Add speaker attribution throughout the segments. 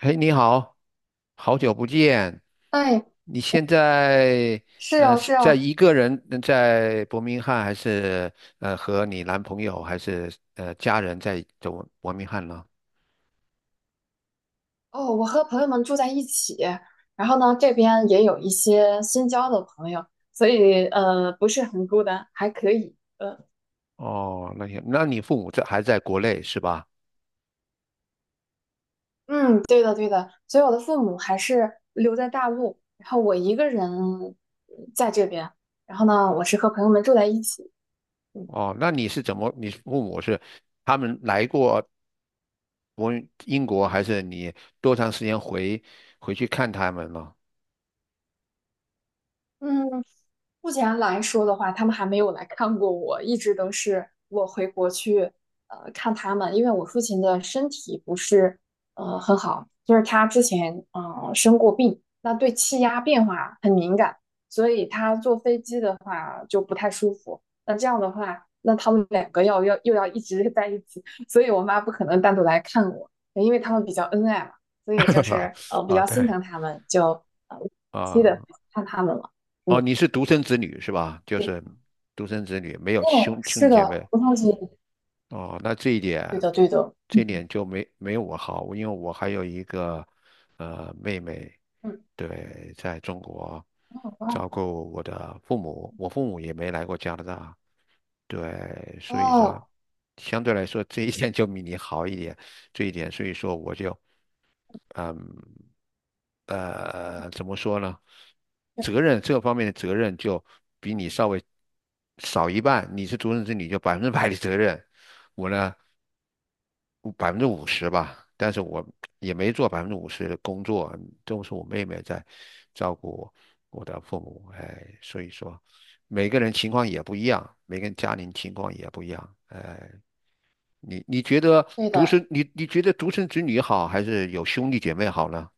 Speaker 1: 嘿，你好，好久不见。
Speaker 2: 哎，
Speaker 1: 你现在
Speaker 2: 是哦，
Speaker 1: 是
Speaker 2: 是
Speaker 1: 在
Speaker 2: 哦。
Speaker 1: 一个人在伯明翰，还是和你男朋友，还是家人在走伯明翰呢？
Speaker 2: 哦，我和朋友们住在一起，然后呢，这边也有一些新交的朋友，所以不是很孤单，还可以。
Speaker 1: 哦，那些，那你父母在还在国内是吧？
Speaker 2: 嗯，对的，对的，所以我的父母还是留在大陆，然后我一个人在这边，然后呢，我是和朋友们住在一起。嗯。
Speaker 1: 哦，那你是怎么？你父母是他们来过国英国，还是你多长时间回去看他们呢？
Speaker 2: 嗯，目前来说的话，他们还没有来看过我，一直都是我回国去看他们，因为我父亲的身体不是很好，就是他之前生过病，那对气压变化很敏感，所以他坐飞机的话就不太舒服。那这样的话，那他们两个要又要一直在一起，所以我妈不可能单独来看我，因为他们比较恩爱嘛，所以就 是比
Speaker 1: 啊，
Speaker 2: 较心
Speaker 1: 对
Speaker 2: 疼他们，就定期的
Speaker 1: 啊。
Speaker 2: 看他们了。
Speaker 1: 哦，
Speaker 2: 嗯，
Speaker 1: 你是独生子女是吧？就
Speaker 2: 对。
Speaker 1: 是独生子女，没有
Speaker 2: 哦，
Speaker 1: 兄
Speaker 2: 是
Speaker 1: 弟姐
Speaker 2: 的，
Speaker 1: 妹。
Speaker 2: 不萄酒。
Speaker 1: 哦，那这一点，
Speaker 2: 对的，对的。
Speaker 1: 这一
Speaker 2: 嗯。
Speaker 1: 点就没有我好，因为我还有一个妹妹，
Speaker 2: 嗯，
Speaker 1: 对，在中国
Speaker 2: 很棒。
Speaker 1: 照顾我的父母，我父母也没来过加拿大，对，所以说
Speaker 2: 哦，
Speaker 1: 相对来说这一点就比你好一点，这一点，所以说我就嗯。怎么说呢？责任这方面的责任就比你稍微少一半。你是独生子女，就百分之百的责任。我呢，百分之五十吧，但是我也没做百分之五十的工作，都是我妹妹在照顾我的父母。哎，所以说每个人情况也不一样，每个人家庭情况也不一样。哎，你你觉得
Speaker 2: 对
Speaker 1: 独
Speaker 2: 的。
Speaker 1: 生，你你觉得独生子女好，还是有兄弟姐妹好呢？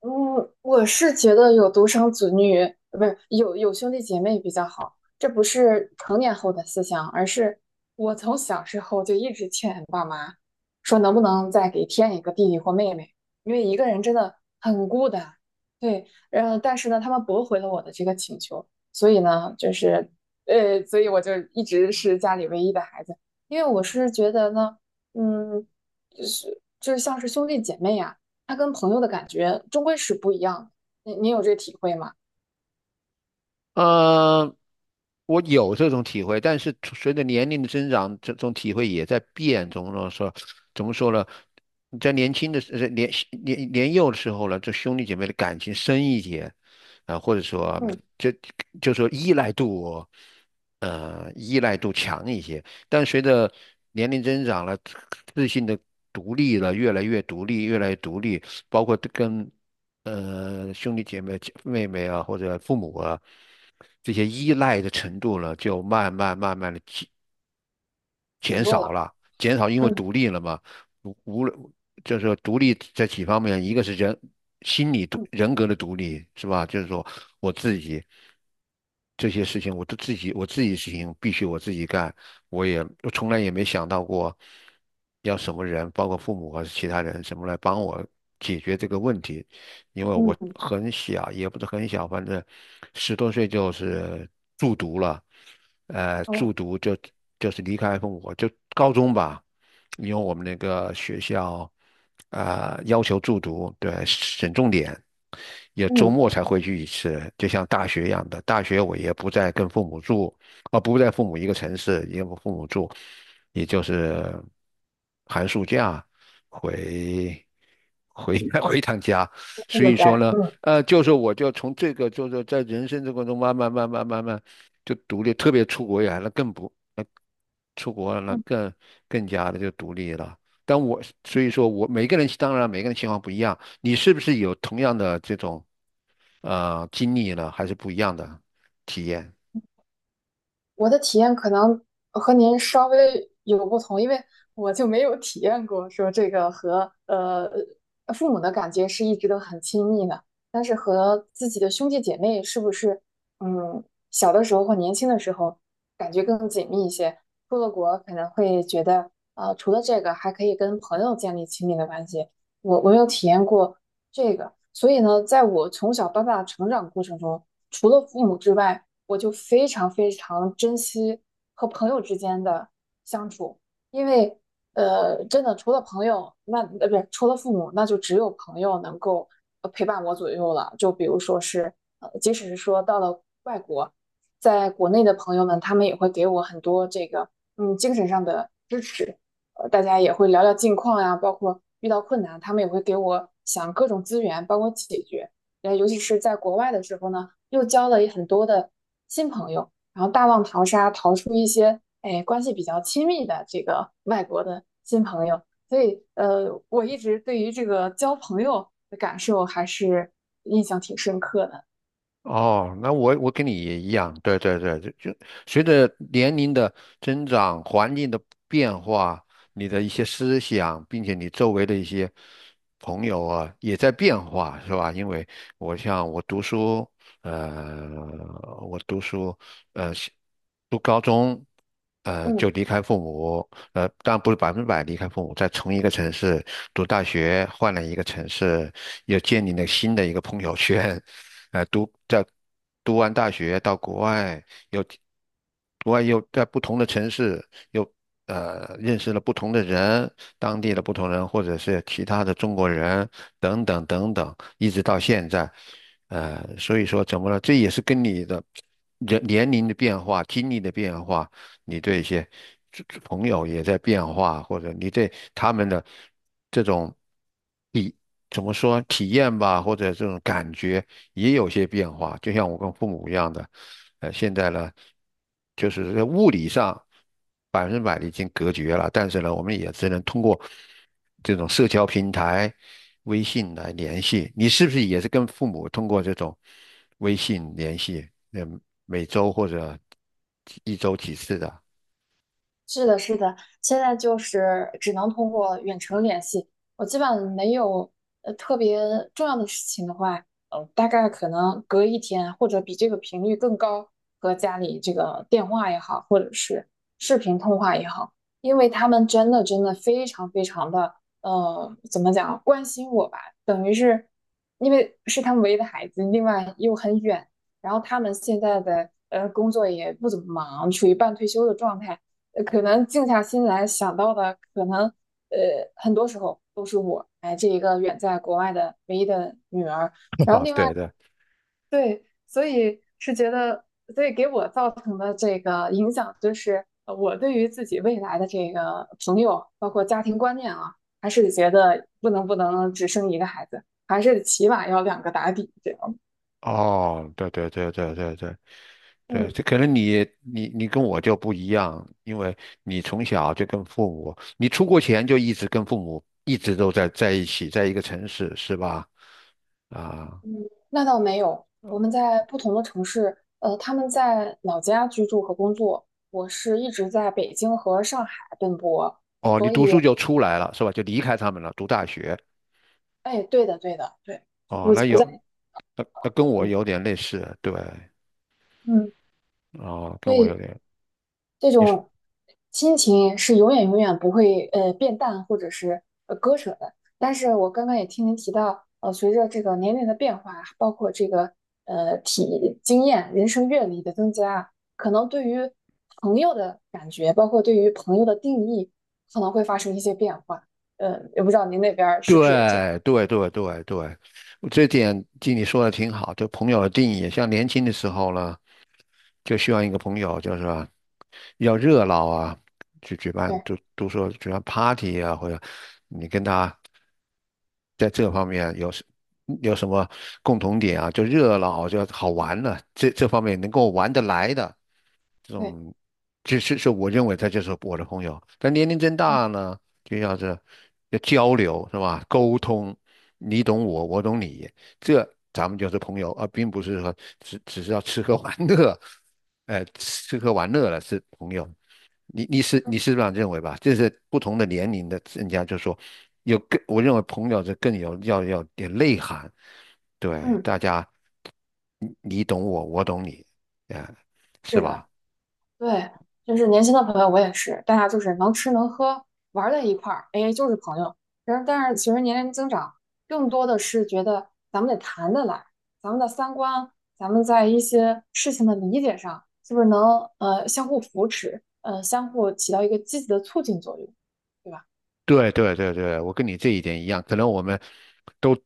Speaker 2: 嗯，我是觉得有独生子女，不是有兄弟姐妹比较好。这不是成年后的思想，而是我从小时候就一直劝爸妈，说能不能再给添一个弟弟或妹妹，因为一个人真的很孤单。对，然后但是呢，他们驳回了我的这个请求，所以呢，就是所以我就一直是家里唯一的孩子，因为我是觉得呢，嗯，就是像是兄弟姐妹啊他跟朋友的感觉终归是不一样的。你有这体会吗？
Speaker 1: 呃，我有这种体会，但是随着年龄的增长，这种体会也在变。怎么说？怎么说呢？你在年轻的时呃年年年幼的时候呢，这兄弟姐妹的感情深一些，啊、或者说
Speaker 2: 嗯，
Speaker 1: 就就说依赖度，依赖度强一些。但随着年龄增长了，自信的独立了，越来越独立，越来越独立，包括跟兄弟姐妹、妹妹啊，或者父母啊，这些依赖的程度呢，就慢慢慢慢的
Speaker 2: 减
Speaker 1: 减
Speaker 2: 弱
Speaker 1: 少
Speaker 2: 了。
Speaker 1: 了，减少因为
Speaker 2: 嗯
Speaker 1: 独立了嘛，无论就是说独立在几方面，一个是
Speaker 2: 嗯
Speaker 1: 人格的独立，是吧？就是说我自己这些事情，我自己事情必须我自己干，我从来也没想到过要什么人，包括父母还是其他人，什么来帮我解决这个问题，因为我
Speaker 2: 嗯，
Speaker 1: 很小，也不是很小，反正十多岁就是住读了。
Speaker 2: 哦，
Speaker 1: 住读就是离开父母，就高中吧，因为我们那个学校啊、要求住读，对，省重点，也周
Speaker 2: 嗯，
Speaker 1: 末才回去一次，就像大学一样的。大学我也不再跟父母住，啊、不在父母一个城市，也不父母住，也就是寒暑假回回 回一趟家。
Speaker 2: 这
Speaker 1: 所
Speaker 2: 个
Speaker 1: 以说
Speaker 2: 家，
Speaker 1: 呢，
Speaker 2: 嗯。
Speaker 1: 就是我就从这个，就是在人生这过程中慢慢慢慢慢慢就独立，特别出国远那更不，那出国了那
Speaker 2: 嗯，
Speaker 1: 更加的就独立了。但我所以说我每个人当然每个人情况不一样，你是不是有同样的这种经历了还是不一样的体验？
Speaker 2: 我的体验可能和您稍微有不同，因为我就没有体验过说这个和父母的感觉是一直都很亲密的，但是和自己的兄弟姐妹是不是嗯小的时候或年轻的时候感觉更紧密一些？出了国可能会觉得除了这个还可以跟朋友建立亲密的关系，我没有体验过这个，所以呢，在我从小到大的成长过程中，除了父母之外，我就非常非常珍惜和朋友之间的相处，因为真的除了朋友，那不是除了父母，那就只有朋友能够陪伴我左右了。就比如说是即使是说到了外国，在国内的朋友们，他们也会给我很多这个精神上的支持，大家也会聊聊近况呀，包括遇到困难，他们也会给我想各种资源，帮我解决。尤其是在国外的时候呢。又交了很多的新朋友，然后大浪淘沙，淘出一些哎关系比较亲密的这个 外国的新朋友。所以我一直对于这个交朋友的感受还是印象挺深刻的。
Speaker 1: 哦，那我跟你也一样，对对对，就随着年龄的增长、环境的变化，你的一些思想，并且你周围的一些朋友啊，也在变化，是吧？因为我像我读书，呃，我读书，呃，读高中。就
Speaker 2: 嗯。
Speaker 1: 离开父母，当然不是百分之百离开父母，在同一个城市读大学，换了一个城市，又建立了新的一个朋友圈，呃，读在读完大学到国外，又国外又在不同的城市又认识了不同的人，当地的不同人，或者是其他的中国人等等等等，一直到现在，所以说怎么了？这也是跟你的人年龄的变化、经历的变化。你对一些这朋友也在变化，或者你对他们的这种体怎么说体验吧，或者这种感觉也有些变化。就像我跟父母一样的，现在呢，就是在物理上。百分之百的已经隔绝了，但是呢，我们也只能通过这种社交平台、微信来联系。你是不是也是跟父母通过这种微信联系？嗯，每周或者一周几次的？
Speaker 2: 是的，是的，现在就是只能通过远程联系。我基本上没有特别重要的事情的话，大概可能隔一天或者比这个频率更高，和家里这个电话也好，或者是视频通话也好，因为他们真的真的非常非常的怎么讲，关心我吧，等于是因为是他们唯一的孩子，另外又很远，然后他们现在的工作也不怎么忙，处于半退休的状态。可能静下心来想到的，可能很多时候都是我，哎，这一个远在国外的唯一的女儿。然后
Speaker 1: 啊，
Speaker 2: 另外，
Speaker 1: 对对，
Speaker 2: 对，所以是觉得，所以给我造成的这个影响，就是我对于自己未来的这个朋友，包括家庭观念啊，还是觉得不能只生一个孩子，还是起码要两个打底这样。
Speaker 1: 哦，对对对对对对。对，
Speaker 2: 嗯，
Speaker 1: 这可能你跟我就不一样，因为你从小就跟父母，你出国前就一直跟父母一直都在一起，在一个城市，是吧？啊。
Speaker 2: 那倒没有，我们在不同的城市，他们在老家居住和工作，我是一直在北京和上海奔波，
Speaker 1: 哦，你
Speaker 2: 所
Speaker 1: 读书
Speaker 2: 以，
Speaker 1: 就出来了是吧？就离开他们了，读大学。
Speaker 2: 哎，对的，对的，对，就不
Speaker 1: 哦，那
Speaker 2: 不
Speaker 1: 有，
Speaker 2: 在，
Speaker 1: 那跟我
Speaker 2: 嗯。
Speaker 1: 有点类似，对，
Speaker 2: 嗯，
Speaker 1: 哦，
Speaker 2: 所
Speaker 1: 跟我有
Speaker 2: 以。
Speaker 1: 点，
Speaker 2: 这
Speaker 1: 你是
Speaker 2: 种亲情是永远永远不会变淡或者是割舍的。但是我刚刚也听您提到，随着这个年龄的变化，包括这个体经验、人生阅历的增加，可能对于朋友的感觉，包括对于朋友的定义，可能会发生一些变化。也不知道您那边儿是不是也这样？
Speaker 1: 对对对对对，这点经你说的挺好，就朋友的定义，像年轻的时候呢，就需要一个朋友，就是说要热闹啊，去举办，
Speaker 2: 对
Speaker 1: 都说举办 party 啊，或者你跟他在这方面有什么共同点啊？就热闹，就好玩的，这方面能够玩得来的，这
Speaker 2: 对，
Speaker 1: 种，就是我认为他就是我的朋友。但年龄增
Speaker 2: 嗯
Speaker 1: 大呢，就要是要交流是吧？沟通，你懂我，我懂你，这咱们就是朋友，而并不是说只是要吃喝玩乐，吃喝玩乐了是朋友。你是这样认为吧？这是不同的年龄的人家就说有更，我认为朋友是更有要点内涵，对，
Speaker 2: 嗯，
Speaker 1: 大家你懂我，我懂你，哎，是
Speaker 2: 是的。
Speaker 1: 吧？
Speaker 2: 对，就是年轻的朋友，我也是，大家就是能吃能喝，玩儿在一块儿，哎，就是朋友。然后，但是随着年龄增长，更多的是觉得咱们得谈得来，咱们的三观，咱们在一些事情的理解上，是不是能相互扶持，相互起到一个积极的促进作用，对吧？
Speaker 1: 对对对对，我跟你这一点一样，可能我们都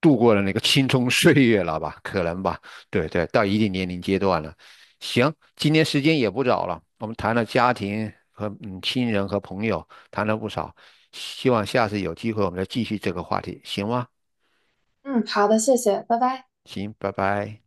Speaker 1: 度过了那个青葱岁月了吧，可能吧，对对，到一定年龄阶段了。行，今天时间也不早了，我们谈了家庭和亲人和朋友，谈了不少，希望下次有机会我们再继续这个话题，行吗？
Speaker 2: 嗯，好的，谢谢，拜拜。
Speaker 1: 行，拜拜。